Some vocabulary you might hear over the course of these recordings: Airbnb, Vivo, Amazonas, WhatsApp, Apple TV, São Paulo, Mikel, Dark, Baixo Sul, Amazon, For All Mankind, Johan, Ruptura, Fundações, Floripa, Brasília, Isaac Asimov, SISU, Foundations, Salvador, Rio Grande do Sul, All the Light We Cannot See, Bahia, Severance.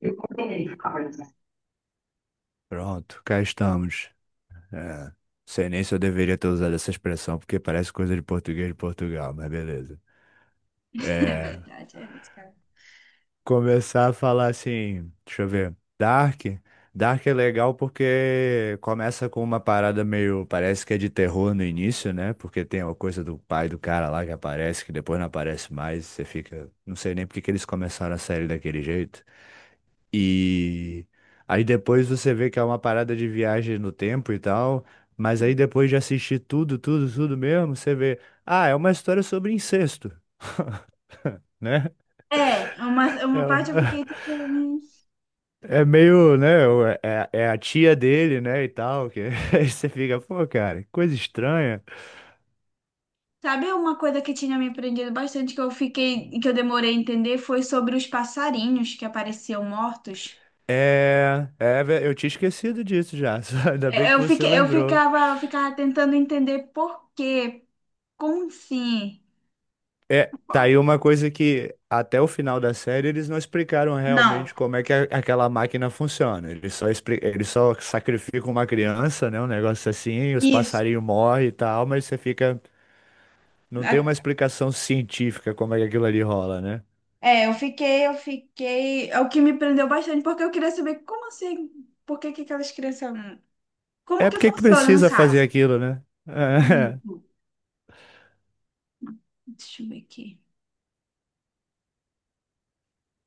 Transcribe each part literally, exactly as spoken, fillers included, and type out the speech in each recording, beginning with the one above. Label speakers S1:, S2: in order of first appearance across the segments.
S1: Eu combinei ficar a Carla.
S2: Pronto, cá estamos. É, sei nem se eu deveria ter usado essa expressão, porque parece coisa de português de Portugal, mas beleza.
S1: É
S2: É,
S1: verdade, era esse cara.
S2: começar a falar assim, deixa eu ver. Dark. Dark é legal porque começa com uma parada meio, parece que é de terror no início, né? Porque tem uma coisa do pai do cara lá que aparece, que depois não aparece mais, você fica, não sei nem por que que eles começaram a série daquele jeito. E aí depois você vê que é uma parada de viagem no tempo e tal, mas aí depois de assistir tudo, tudo, tudo mesmo, você vê, ah, é uma história sobre incesto, né?
S1: É, uma,
S2: É,
S1: uma
S2: o-
S1: parte eu fiquei tipo, hum,
S2: é meio, né? o- É, é a tia dele, né? E tal, que aí você fica, pô, cara, que coisa estranha.
S1: sabe uma coisa que tinha me prendido bastante que eu fiquei, que eu demorei a entender foi sobre os passarinhos que apareciam mortos.
S2: É, é, ve- eu tinha esquecido disso já, só ainda bem
S1: É,
S2: que
S1: eu
S2: você
S1: fiquei, eu
S2: lembrou.
S1: ficava, eu ficava tentando entender por quê, como assim?
S2: É, tá aí uma coisa que até o final da série eles não explicaram
S1: Não,
S2: realmente como é que a- aquela máquina funciona. Eles só, expli- eles só sacrificam uma criança, né? Um negócio assim, os
S1: isso.
S2: passarinhos morrem e tal, mas você fica. Não tem uma
S1: A-
S2: explicação científica como é que aquilo ali rola, né?
S1: É, eu fiquei, eu fiquei. É o que me prendeu bastante, porque eu queria saber como assim, por que que aquelas crianças. Como
S2: É
S1: que
S2: porque que
S1: funciona no
S2: precisa fazer
S1: caso?
S2: aquilo, né? É.
S1: Isso. Deixa eu ver aqui.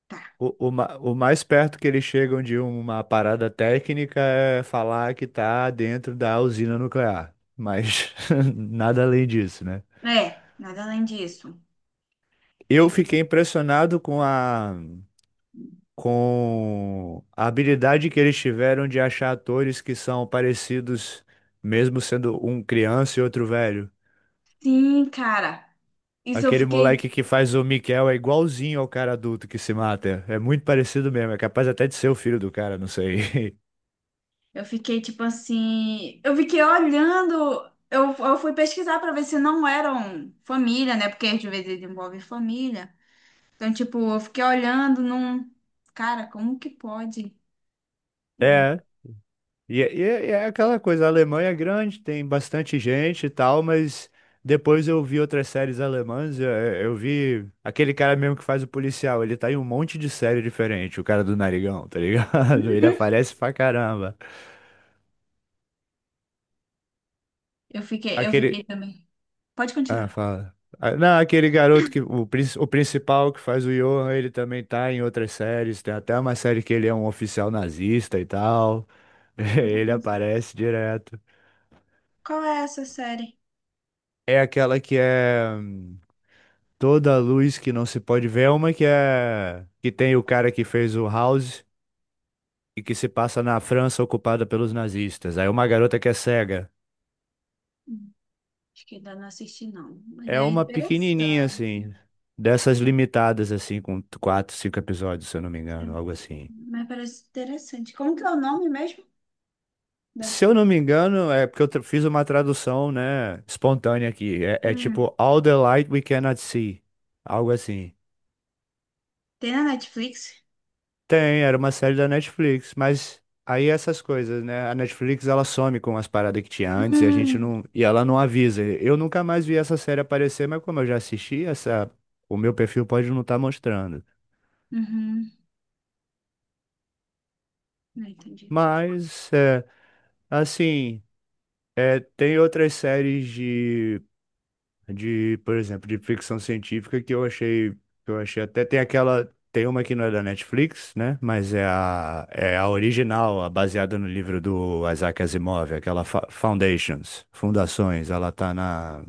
S1: Tá.
S2: O, o, ma- o mais perto que eles chegam de uma parada técnica é falar que tá dentro da usina nuclear. Mas nada além disso, né?
S1: É, nada além disso. E
S2: Eu
S1: f-
S2: fiquei impressionado com a, com a habilidade que eles tiveram de achar atores que são parecidos, mesmo sendo um criança e outro velho.
S1: Sim, cara. Isso eu
S2: Aquele
S1: fiquei,
S2: moleque que faz o Mikel é igualzinho ao cara adulto que se mata. É muito parecido mesmo, é capaz até de ser o filho do cara, não sei.
S1: eu fiquei tipo assim, eu fiquei olhando, eu, eu fui pesquisar pra ver se não eram família, né? Porque às vezes envolve família. Então, tipo, eu fiquei olhando num, cara, como que pode?
S2: É, E, é- e é e é aquela coisa, a Alemanha é grande, tem bastante gente e tal, mas depois eu vi outras séries alemãs, eu, eu vi aquele cara mesmo que faz o policial, ele tá em um monte de série diferente, o cara do narigão, tá ligado? Ele aparece pra caramba.
S1: Eu fiquei, eu
S2: Aquele...
S1: fiquei também. Pode
S2: Ah,
S1: continuar.
S2: fala. Ah, não, aquele garoto que, o, princ- o principal que faz o Johan, ele também tá em outras séries, tem até uma série que ele é um oficial nazista e tal, ele
S1: Não sei.
S2: aparece direto.
S1: Qual é essa série?
S2: É aquela que é. hum, Toda luz que não se pode ver, é uma que é que tem o cara que fez o House e que se passa na França ocupada pelos nazistas. Aí uma garota que é cega.
S1: Hum, Acho que ainda não assisti, não. Mas
S2: É
S1: é
S2: uma pequenininha
S1: interessante.
S2: assim, dessas limitadas assim com quatro, cinco episódios, se eu não me engano, algo assim.
S1: Mas parece interessante. Como que é o nome mesmo
S2: Se
S1: dessa?
S2: eu não me engano, é porque eu tra- fiz uma tradução, né, espontânea aqui. É, é
S1: Hum,
S2: tipo All the Light We Cannot See, algo assim.
S1: Tem na Netflix?
S2: Tem, era uma série da Netflix, mas aí essas coisas, né? A Netflix ela some com as paradas que tinha antes e a gente
S1: Hum,
S2: não, e ela não avisa. Eu nunca mais vi essa série aparecer, mas como eu já assisti, essa, o meu perfil pode não estar mostrando.
S1: uhum. Não entendi.
S2: Mas é, assim, é, tem outras séries de de, por exemplo, de ficção científica que eu achei, que eu achei até tem aquela, tem uma que não é da Netflix, né? Mas é a, é a original, a baseada no livro do Isaac Asimov, aquela Fa- Foundations, Fundações, ela tá na,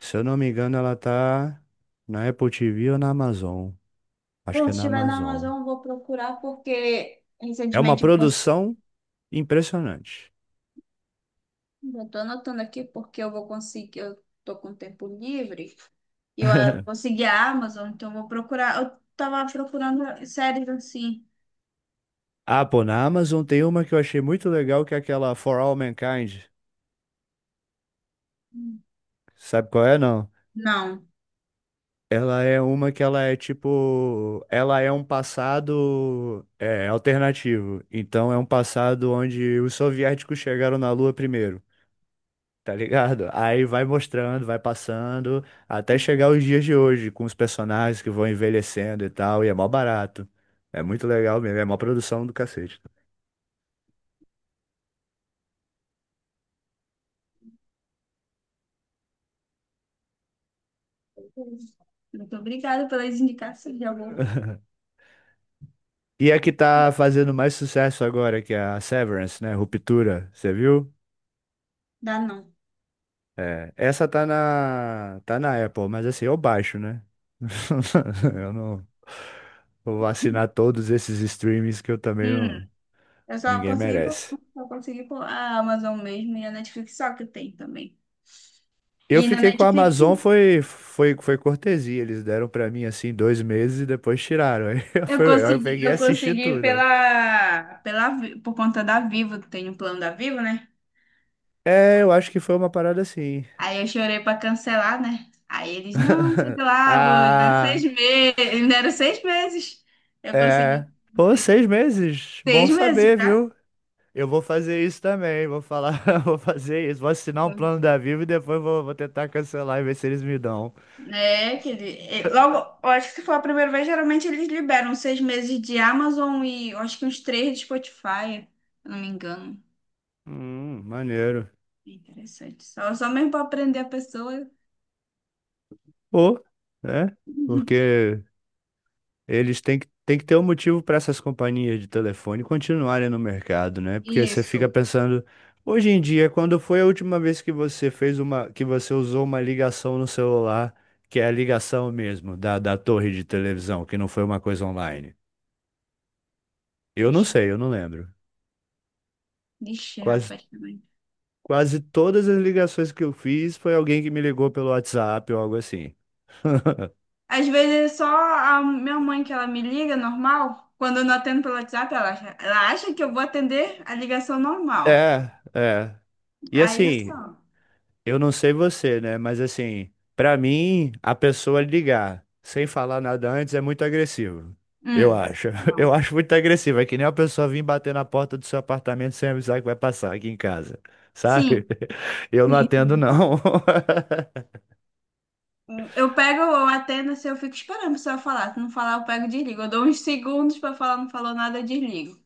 S2: se eu não me engano, ela tá na Apple T V ou na Amazon. Acho que
S1: Bom,
S2: é
S1: se
S2: na
S1: tiver na
S2: Amazon.
S1: Amazon, eu vou procurar porque
S2: É uma
S1: recentemente eu cons...
S2: produção impressionante.
S1: já tô anotando aqui porque eu vou conseguir, eu tô com tempo livre e eu eh, consegui a Amazon, então eu vou procurar. Eu tava procurando séries assim.
S2: Ah, pô, na Amazon tem uma que eu achei muito legal, que é aquela For All Mankind.
S1: Hum.
S2: Sabe qual é, não?
S1: Não.
S2: Ela é uma que ela é tipo, ela é um passado é, alternativo. Então é um passado onde os soviéticos chegaram na Lua primeiro, tá ligado? Aí vai mostrando, vai passando, até chegar os dias de hoje, com os personagens que vão envelhecendo e tal, e é mó barato. É muito legal mesmo, é mó produção do cacete.
S1: Muito obrigada pelas indicações, já vou
S2: E a que tá fazendo mais sucesso agora, que é a Severance, né? Ruptura, você viu?
S1: dar não.
S2: É, essa tá na, tá na Apple, mas assim, eu baixo, né? Eu não vou assinar todos esses streams que eu também
S1: Hum.
S2: não,
S1: Eu só
S2: ninguém
S1: consegui por,
S2: merece.
S1: só consegui por a Amazon mesmo e a Netflix só que tem também.
S2: Eu
S1: E na
S2: fiquei com a
S1: Netflix
S2: Amazon, foi, foi, foi cortesia. Eles deram pra mim assim dois meses e depois tiraram. Aí eu,
S1: eu
S2: fui- eu
S1: consegui,
S2: peguei e
S1: eu
S2: assisti
S1: consegui
S2: tudo, né?
S1: pela, pela, Vi- por conta da Vivo, tem um plano da Vivo, né?
S2: É, eu acho que foi uma parada assim.
S1: Aí eu chorei pra cancelar, né? Aí eles, não, sei lá, vou dar seis
S2: Ah,
S1: meses. Eles me deram seis meses. Eu
S2: é.
S1: consegui
S2: Pô, seis meses. Bom
S1: seis meses,
S2: saber,
S1: tá?
S2: viu? Eu vou fazer isso também, vou falar, vou fazer isso, vou assinar um plano da Vivo e depois vou, vou tentar cancelar e ver se eles me dão.
S1: É, que ele, é, logo, eu acho que se for a primeira vez, geralmente eles liberam seis meses de Amazon e eu acho que uns três de Spotify, se eu não me engano.
S2: Hum, maneiro.
S1: É interessante. Só, só mesmo para aprender a pessoa.
S2: Ou, né? Porque eles têm que, têm que ter um motivo para essas companhias de telefone continuarem no mercado, né? Porque você fica
S1: Isso.
S2: pensando, hoje em dia, quando foi a última vez que você fez uma, que você usou uma ligação no celular, que é a ligação mesmo da, da torre de televisão, que não foi uma coisa online? Eu não sei, eu não lembro.
S1: Ixi,
S2: Quase
S1: rapaz, também.
S2: Quase todas as ligações que eu fiz foi alguém que me ligou pelo WhatsApp ou algo assim.
S1: Às vezes é só a minha mãe que ela me liga, normal. Quando eu não atendo pelo WhatsApp, ela acha, ela acha que eu vou atender a ligação normal.
S2: É, é. E
S1: Aí
S2: assim,
S1: só.
S2: eu não sei você, né? Mas assim, pra mim, a pessoa ligar sem falar nada antes é muito agressivo. Eu
S1: Hum,
S2: acho. Eu
S1: não.
S2: acho muito agressivo. É que nem uma pessoa vir bater na porta do seu apartamento sem avisar que vai passar aqui em casa. Sabe?
S1: Sim,
S2: Eu não
S1: sim.
S2: atendo, não.
S1: Eu pego, eu atendo, assim, eu fico esperando a pessoa falar. Se não falar, eu pego e desligo. Eu dou uns segundos pra falar, não falou nada, eu desligo.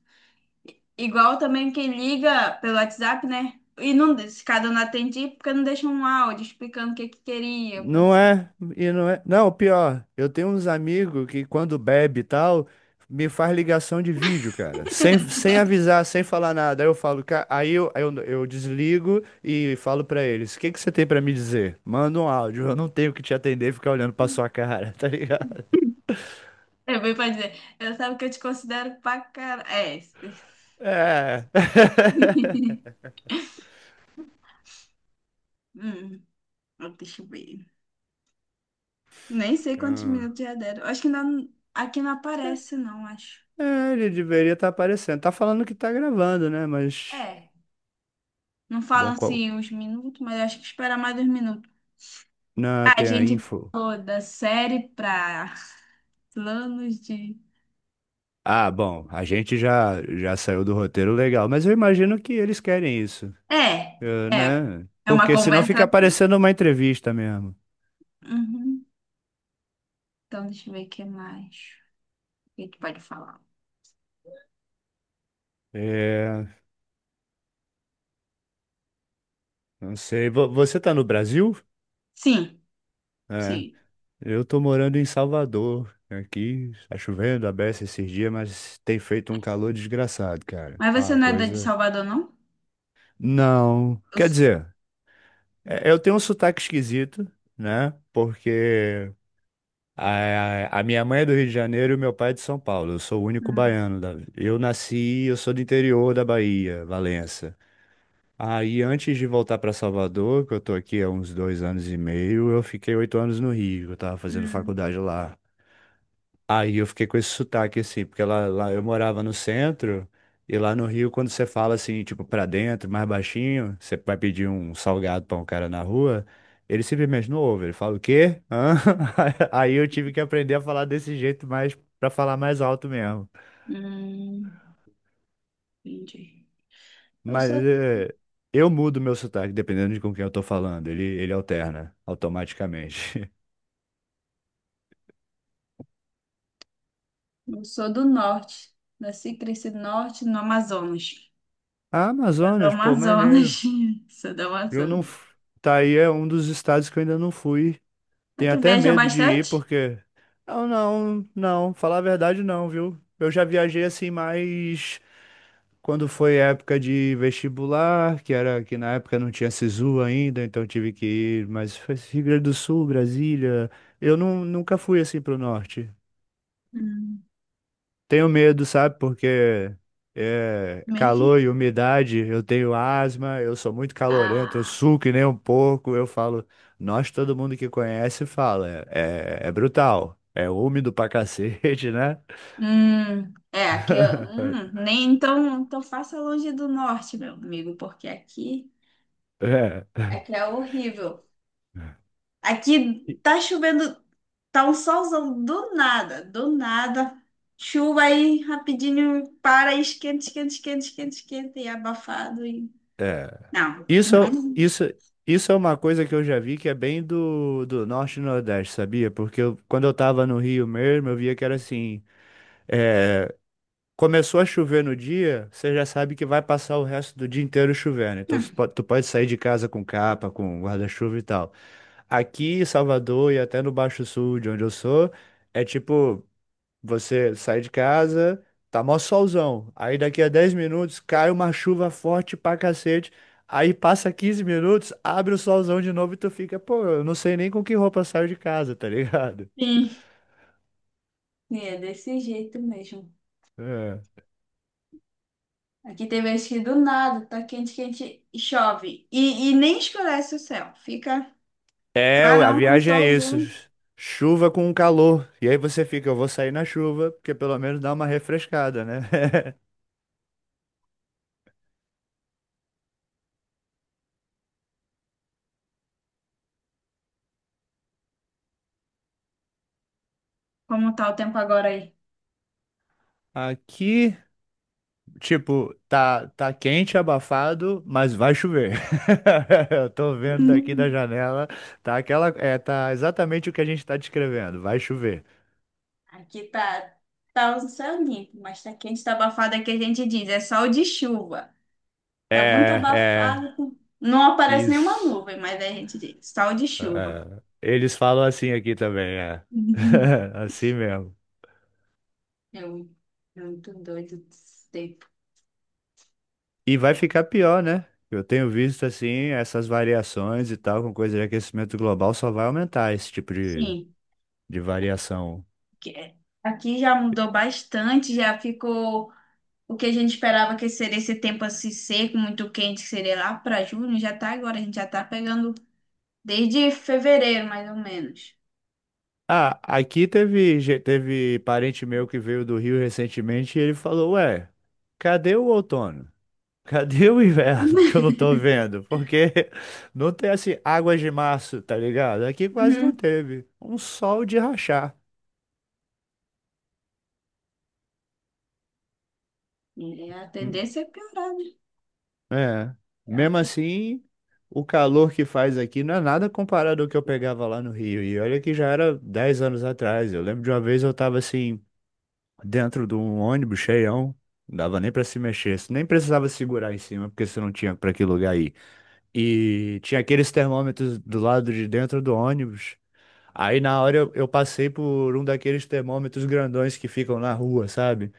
S1: Igual também quem liga pelo WhatsApp, né? E não, se cada um não atende, porque não deixa um áudio explicando o que que queria. pra-
S2: Não é, e não é. Não, pior, eu tenho uns amigos que quando bebe e tal, me faz ligação de vídeo, cara. Sem, sem avisar, sem falar nada. Aí eu falo, ca- aí eu, aí eu, eu desligo e falo pra eles: o que que você tem pra me dizer? Manda um áudio, eu não tenho que te atender e ficar olhando pra sua cara, tá ligado?
S1: Eu venho pra dizer, eu sabe que eu te considero pra cara. É, esse.
S2: É.
S1: Hum, Deixa eu ver. Nem sei quantos
S2: Hum.
S1: minutos já deram. Acho que ainda não- aqui não aparece, não, acho.
S2: É, ele deveria estar aparecendo. Tá falando que tá gravando, né? Mas.
S1: É. Não falam
S2: Bom, qual.
S1: assim os minutos, mas acho que espera mais dois minutos.
S2: Não,
S1: A
S2: tem a
S1: gente
S2: info.
S1: pulou da série para planos de.
S2: Ah, bom, a gente já já saiu do roteiro legal, mas eu imagino que eles querem isso,
S1: É,
S2: eh,
S1: é,
S2: né?
S1: é uma
S2: Porque senão
S1: conversa.
S2: fica parecendo uma entrevista mesmo.
S1: Uhum. Então, deixa eu ver o que mais. O que a gente pode falar?
S2: É, não sei, vo- você tá no Brasil?
S1: Sim,
S2: É,
S1: sim.
S2: eu tô morando em Salvador. Aqui tá chovendo a beça esses dias, mas tem feito um calor desgraçado, cara.
S1: Mas
S2: É
S1: você
S2: uma
S1: não é da de
S2: coisa.
S1: Salvador, não?
S2: Não,
S1: Eu
S2: quer
S1: sou.
S2: dizer, é- eu tenho um sotaque esquisito, né? Porque A, a minha mãe é do Rio de Janeiro e o meu pai é de São Paulo. Eu sou o único
S1: Hum,
S2: baiano da. Eu nasci, eu sou do interior da Bahia, Valença. Aí, antes de voltar para Salvador, que eu tô aqui há uns dois anos e meio, eu fiquei oito anos no Rio. Eu tava fazendo
S1: hum,
S2: faculdade lá. Aí eu fiquei com esse sotaque assim, porque lá, lá eu morava no centro e lá no Rio, quando você fala assim, tipo, pra dentro, mais baixinho, você vai pedir um salgado pra um cara na rua, ele simplesmente não ouve, ele fala o quê? Hã? Aí eu tive que aprender a falar desse jeito mais pra falar mais alto mesmo.
S1: hum, entendi. Eu
S2: Mas
S1: sou,
S2: é, eu mudo meu sotaque dependendo de com quem eu tô falando, ele, ele alterna automaticamente.
S1: eu sou do norte. Nasci e cresci no norte, no Amazonas.
S2: Ah,
S1: Sou do
S2: Amazonas, pô, maneiro.
S1: Amazonas. Sou do
S2: Eu não.
S1: Amazonas.
S2: f- Tá aí é um dos estados que eu ainda não fui.
S1: Mas
S2: Tenho
S1: tu
S2: até
S1: viaja
S2: medo de ir
S1: bastante?
S2: porque. Não, não, não. Falar a verdade, não, viu? Eu já viajei assim, mas quando foi época de vestibular, que era que na época não tinha SISU ainda, então tive que ir. Mas foi Rio Grande do Sul, Brasília. Eu não, nunca fui assim pro norte.
S1: Hum.
S2: Tenho medo, sabe? Porque é,
S1: Meio.
S2: calor e umidade, eu tenho asma, eu sou muito calorento, eu
S1: Ah.
S2: suco que nem um porco. Eu falo, nós, todo mundo que conhece, fala, é, é brutal, é úmido pra cacete, né?
S1: Hum, é, aqui, eu- hum, nem então, então, faça longe do norte, meu amigo, porque aqui,
S2: É.
S1: aqui é horrível. Aqui
S2: E-
S1: tá chovendo, tá um solzão do nada, do nada. Chuva aí rapidinho para, e esquenta, esquenta, esquenta, esquenta, esquenta e é abafado e
S2: é.
S1: não,
S2: Isso, é-
S1: não.
S2: isso, isso é uma coisa que eu já vi que é bem do, do Norte e Nordeste, sabia? Porque eu- quando eu tava no Rio mesmo, eu via que era assim. É, começou a chover no dia, você já sabe que vai passar o resto do dia inteiro chovendo. Então você po- tu pode sair de casa com capa, com guarda-chuva e tal. Aqui em Salvador e até no Baixo Sul, de onde eu sou, é tipo, você sai de casa, tá mó solzão. Aí daqui a dez minutos cai uma chuva forte pra cacete. Aí passa quinze minutos, abre o solzão de novo e tu fica, pô, eu não sei nem com que roupa eu saio de casa, tá ligado?
S1: Sim, sim, é desse jeito mesmo.
S2: É.
S1: Aqui tem vezes que do nada tá quente, quente e chove e, e nem escurece o céu, fica
S2: É, a
S1: clarão com
S2: viagem é isso.
S1: solzinho.
S2: Chuva com calor. E aí você fica, eu vou sair na chuva, porque pelo menos dá uma refrescada, né?
S1: Como tá o tempo agora aí?
S2: Aqui, tipo, tá, tá quente, abafado, mas vai chover. Eu tô vendo daqui da
S1: Hum.
S2: janela, tá aquela, é, tá exatamente o que a gente tá descrevendo, vai chover.
S1: Aqui tá, tá o céu limpo, mas tá quente, tá abafado, é que a gente diz, é sol de chuva. Tá muito
S2: É, é,
S1: abafado, com- não aparece nenhuma
S2: isso.
S1: nuvem, mas aí a gente diz, sol de chuva.
S2: É, eles falam assim aqui também, é.
S1: Uhum.
S2: Assim mesmo.
S1: É um- É muito doido esse tempo.
S2: E vai ficar pior, né? Eu tenho visto assim essas variações e tal, com coisa de aquecimento global, só vai aumentar esse tipo de,
S1: Sim,
S2: de variação.
S1: que é- aqui já mudou bastante, já ficou o que a gente esperava que seria esse tempo assim seco, muito quente, que seria lá para junho, já tá agora, a gente já tá pegando desde fevereiro, mais ou menos.
S2: Ah, aqui teve, ge- teve parente meu que veio do Rio recentemente e ele falou: Ué, cadê o outono? Cadê o inverno que eu não tô vendo? Porque não tem assim águas de março, tá ligado? Aqui quase não
S1: Uhum.
S2: teve. Um sol de rachar.
S1: E a tendência é piorar, né?
S2: É.
S1: É o
S2: Mesmo
S1: que-
S2: assim, o calor que faz aqui não é nada comparado ao que eu pegava lá no Rio. E olha que já era dez anos atrás. Eu lembro de uma vez eu tava assim, dentro de um ônibus cheião. Não dava nem pra se mexer, você nem precisava segurar em cima, porque você não tinha pra que lugar ir. E tinha aqueles termômetros do lado de dentro do ônibus. Aí na hora eu, eu passei por um daqueles termômetros grandões que ficam na rua, sabe?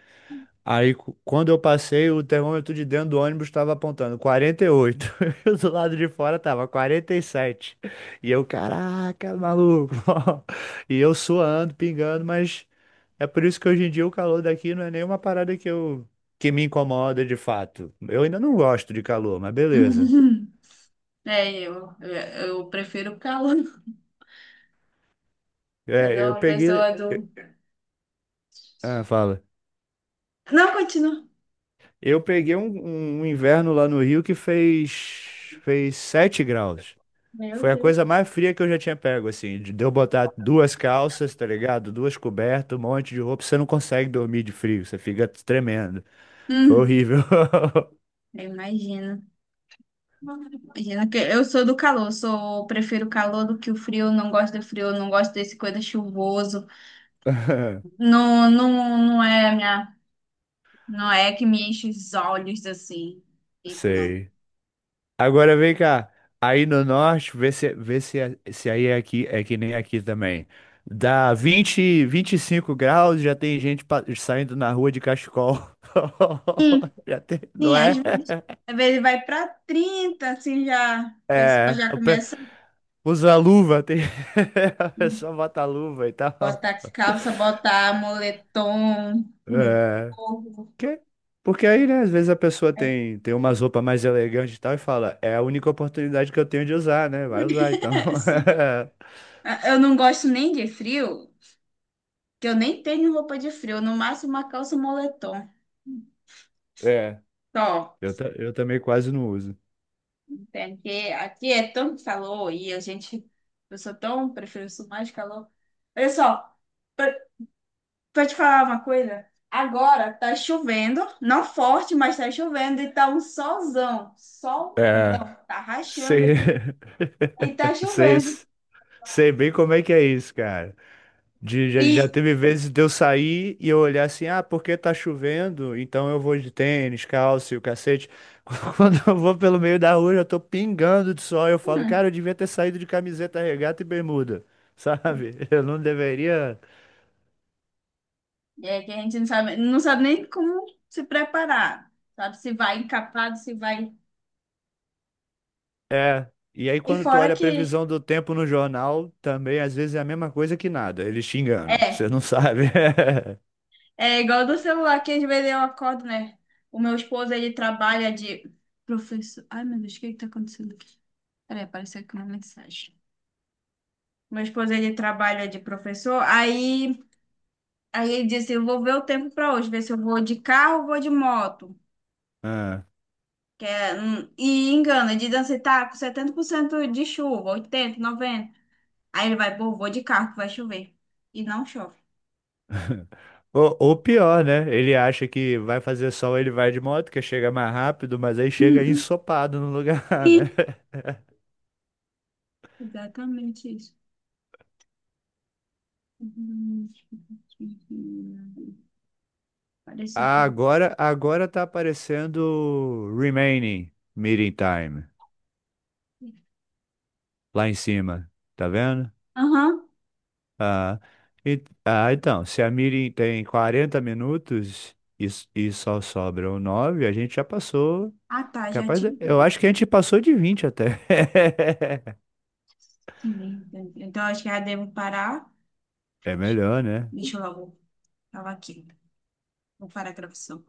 S2: Aí, cu- quando eu passei, o termômetro de dentro do ônibus estava apontando quarenta e oito. E oito. E o do lado de fora tava quarenta e sete. E sete. E eu, caraca, maluco. E eu suando, pingando, mas é por isso que hoje em dia o calor daqui não é nenhuma parada que eu que me incomoda de fato. Eu ainda não gosto de calor, mas beleza.
S1: É, eu, eu, eu prefiro o calor. Mas
S2: É,
S1: é
S2: eu
S1: uma
S2: peguei.
S1: pessoa do.
S2: Ah, fala.
S1: Não, continua.
S2: Eu peguei um, um inverno lá no Rio que fez fez sete graus.
S1: Meu
S2: Foi a
S1: Deus.
S2: coisa mais fria que eu já tinha pego, assim, de de eu botar duas calças, tá ligado? Duas cobertas, um monte de roupa, você não consegue dormir de frio, você fica tremendo. Foi
S1: Hum,
S2: horrível.
S1: eu imagino. Imagina que eu sou do calor, sou, prefiro o calor do que o frio, não gosto do frio, não gosto desse coisa chuvoso. Não, não, não é minha, não é que me enche os olhos assim. Tipo, não.
S2: Sei. Agora vem cá. Aí no norte, vê se, vê se, se aí é aqui, é que nem aqui também. Dá vinte vinte e cinco graus, já tem gente pa- saindo na rua de cachecol. Já tem, não
S1: Sim, às
S2: é?
S1: vezes, às vezes vai para trinta assim já, o pessoal
S2: É.
S1: já começa.
S2: Usa a luva, tem... a pessoa bota a luva e tal.
S1: Botar calça, botar moletom no
S2: É.
S1: corpo.
S2: Que? Porque aí, né, às vezes a pessoa tem, tem umas roupas mais elegantes e tal e fala, é a única oportunidade que eu tenho de usar, né? Vai usar, então.
S1: Sim. Eu não gosto nem de frio, que eu nem tenho roupa de frio, no máximo uma calça e um moletom.
S2: É.
S1: Só.
S2: Eu, ta- eu também quase não uso.
S1: Tem que- aqui é tanto calor e a gente. Eu sou tão. Prefiro isso mais calor. Olha só, pra, pra te falar uma coisa. Agora tá chovendo, não forte, mas tá chovendo e tá um solzão.
S2: É.
S1: Solzão. Tá rachando
S2: Sei.
S1: aqui. E tá
S2: sei,
S1: chovendo.
S2: sei bem como é que é isso, cara. De, já, já
S1: E.
S2: teve vezes de eu sair e eu olhar assim, ah, porque tá chovendo, então eu vou de tênis, calça e o cacete. Quando eu vou pelo meio da rua, eu tô pingando de sol, eu falo,
S1: hum,
S2: cara, eu devia ter saído de camiseta, regata e bermuda, sabe? Eu não deveria.
S1: É que a gente não sabe, não sabe nem como se preparar, sabe? Se vai encapado, se vai.
S2: É. E aí,
S1: E
S2: quando tu
S1: fora
S2: olha a
S1: que
S2: previsão do tempo no jornal, também às vezes é a mesma coisa que nada, eles te enganam,
S1: é,
S2: você não sabe.
S1: é igual do celular que às vezes eu acordo, né? O meu esposo, ele trabalha de professor. Ai, meu Deus, o que que tá acontecendo aqui? Peraí, apareceu aqui uma mensagem. Meu esposo, ele trabalha de professor, aí, aí ele disse, eu vou ver o tempo para hoje, ver se eu vou de carro ou vou de moto.
S2: Ah.
S1: Que é, hum, e engana, de dança, tá com setenta por cento de chuva, oitenta, aí ele vai, pô, vou de carro que vai chover. E não chove.
S2: Ou, ou pior, né? Ele acha que vai fazer sol, ele vai de moto, que chega mais rápido, mas aí chega
S1: Hum,
S2: ensopado no lugar, né?
S1: E exatamente isso. Apareceu
S2: Ah,
S1: pra mim.
S2: Agora, agora tá aparecendo Remaining Meeting Time lá em cima, tá vendo?
S1: Aham.
S2: Ah, e- ah, então, se a meeting tem quarenta minutos e, s- e só sobram nove, a gente já passou.
S1: Ah, tá, já
S2: Capaz de-
S1: tinha.
S2: eu acho que a gente passou de vinte até.
S1: Sim, então então, acho que já devo parar.
S2: É melhor, né?
S1: Deixa eu logo. Tava aqui. Vou parar a gravação.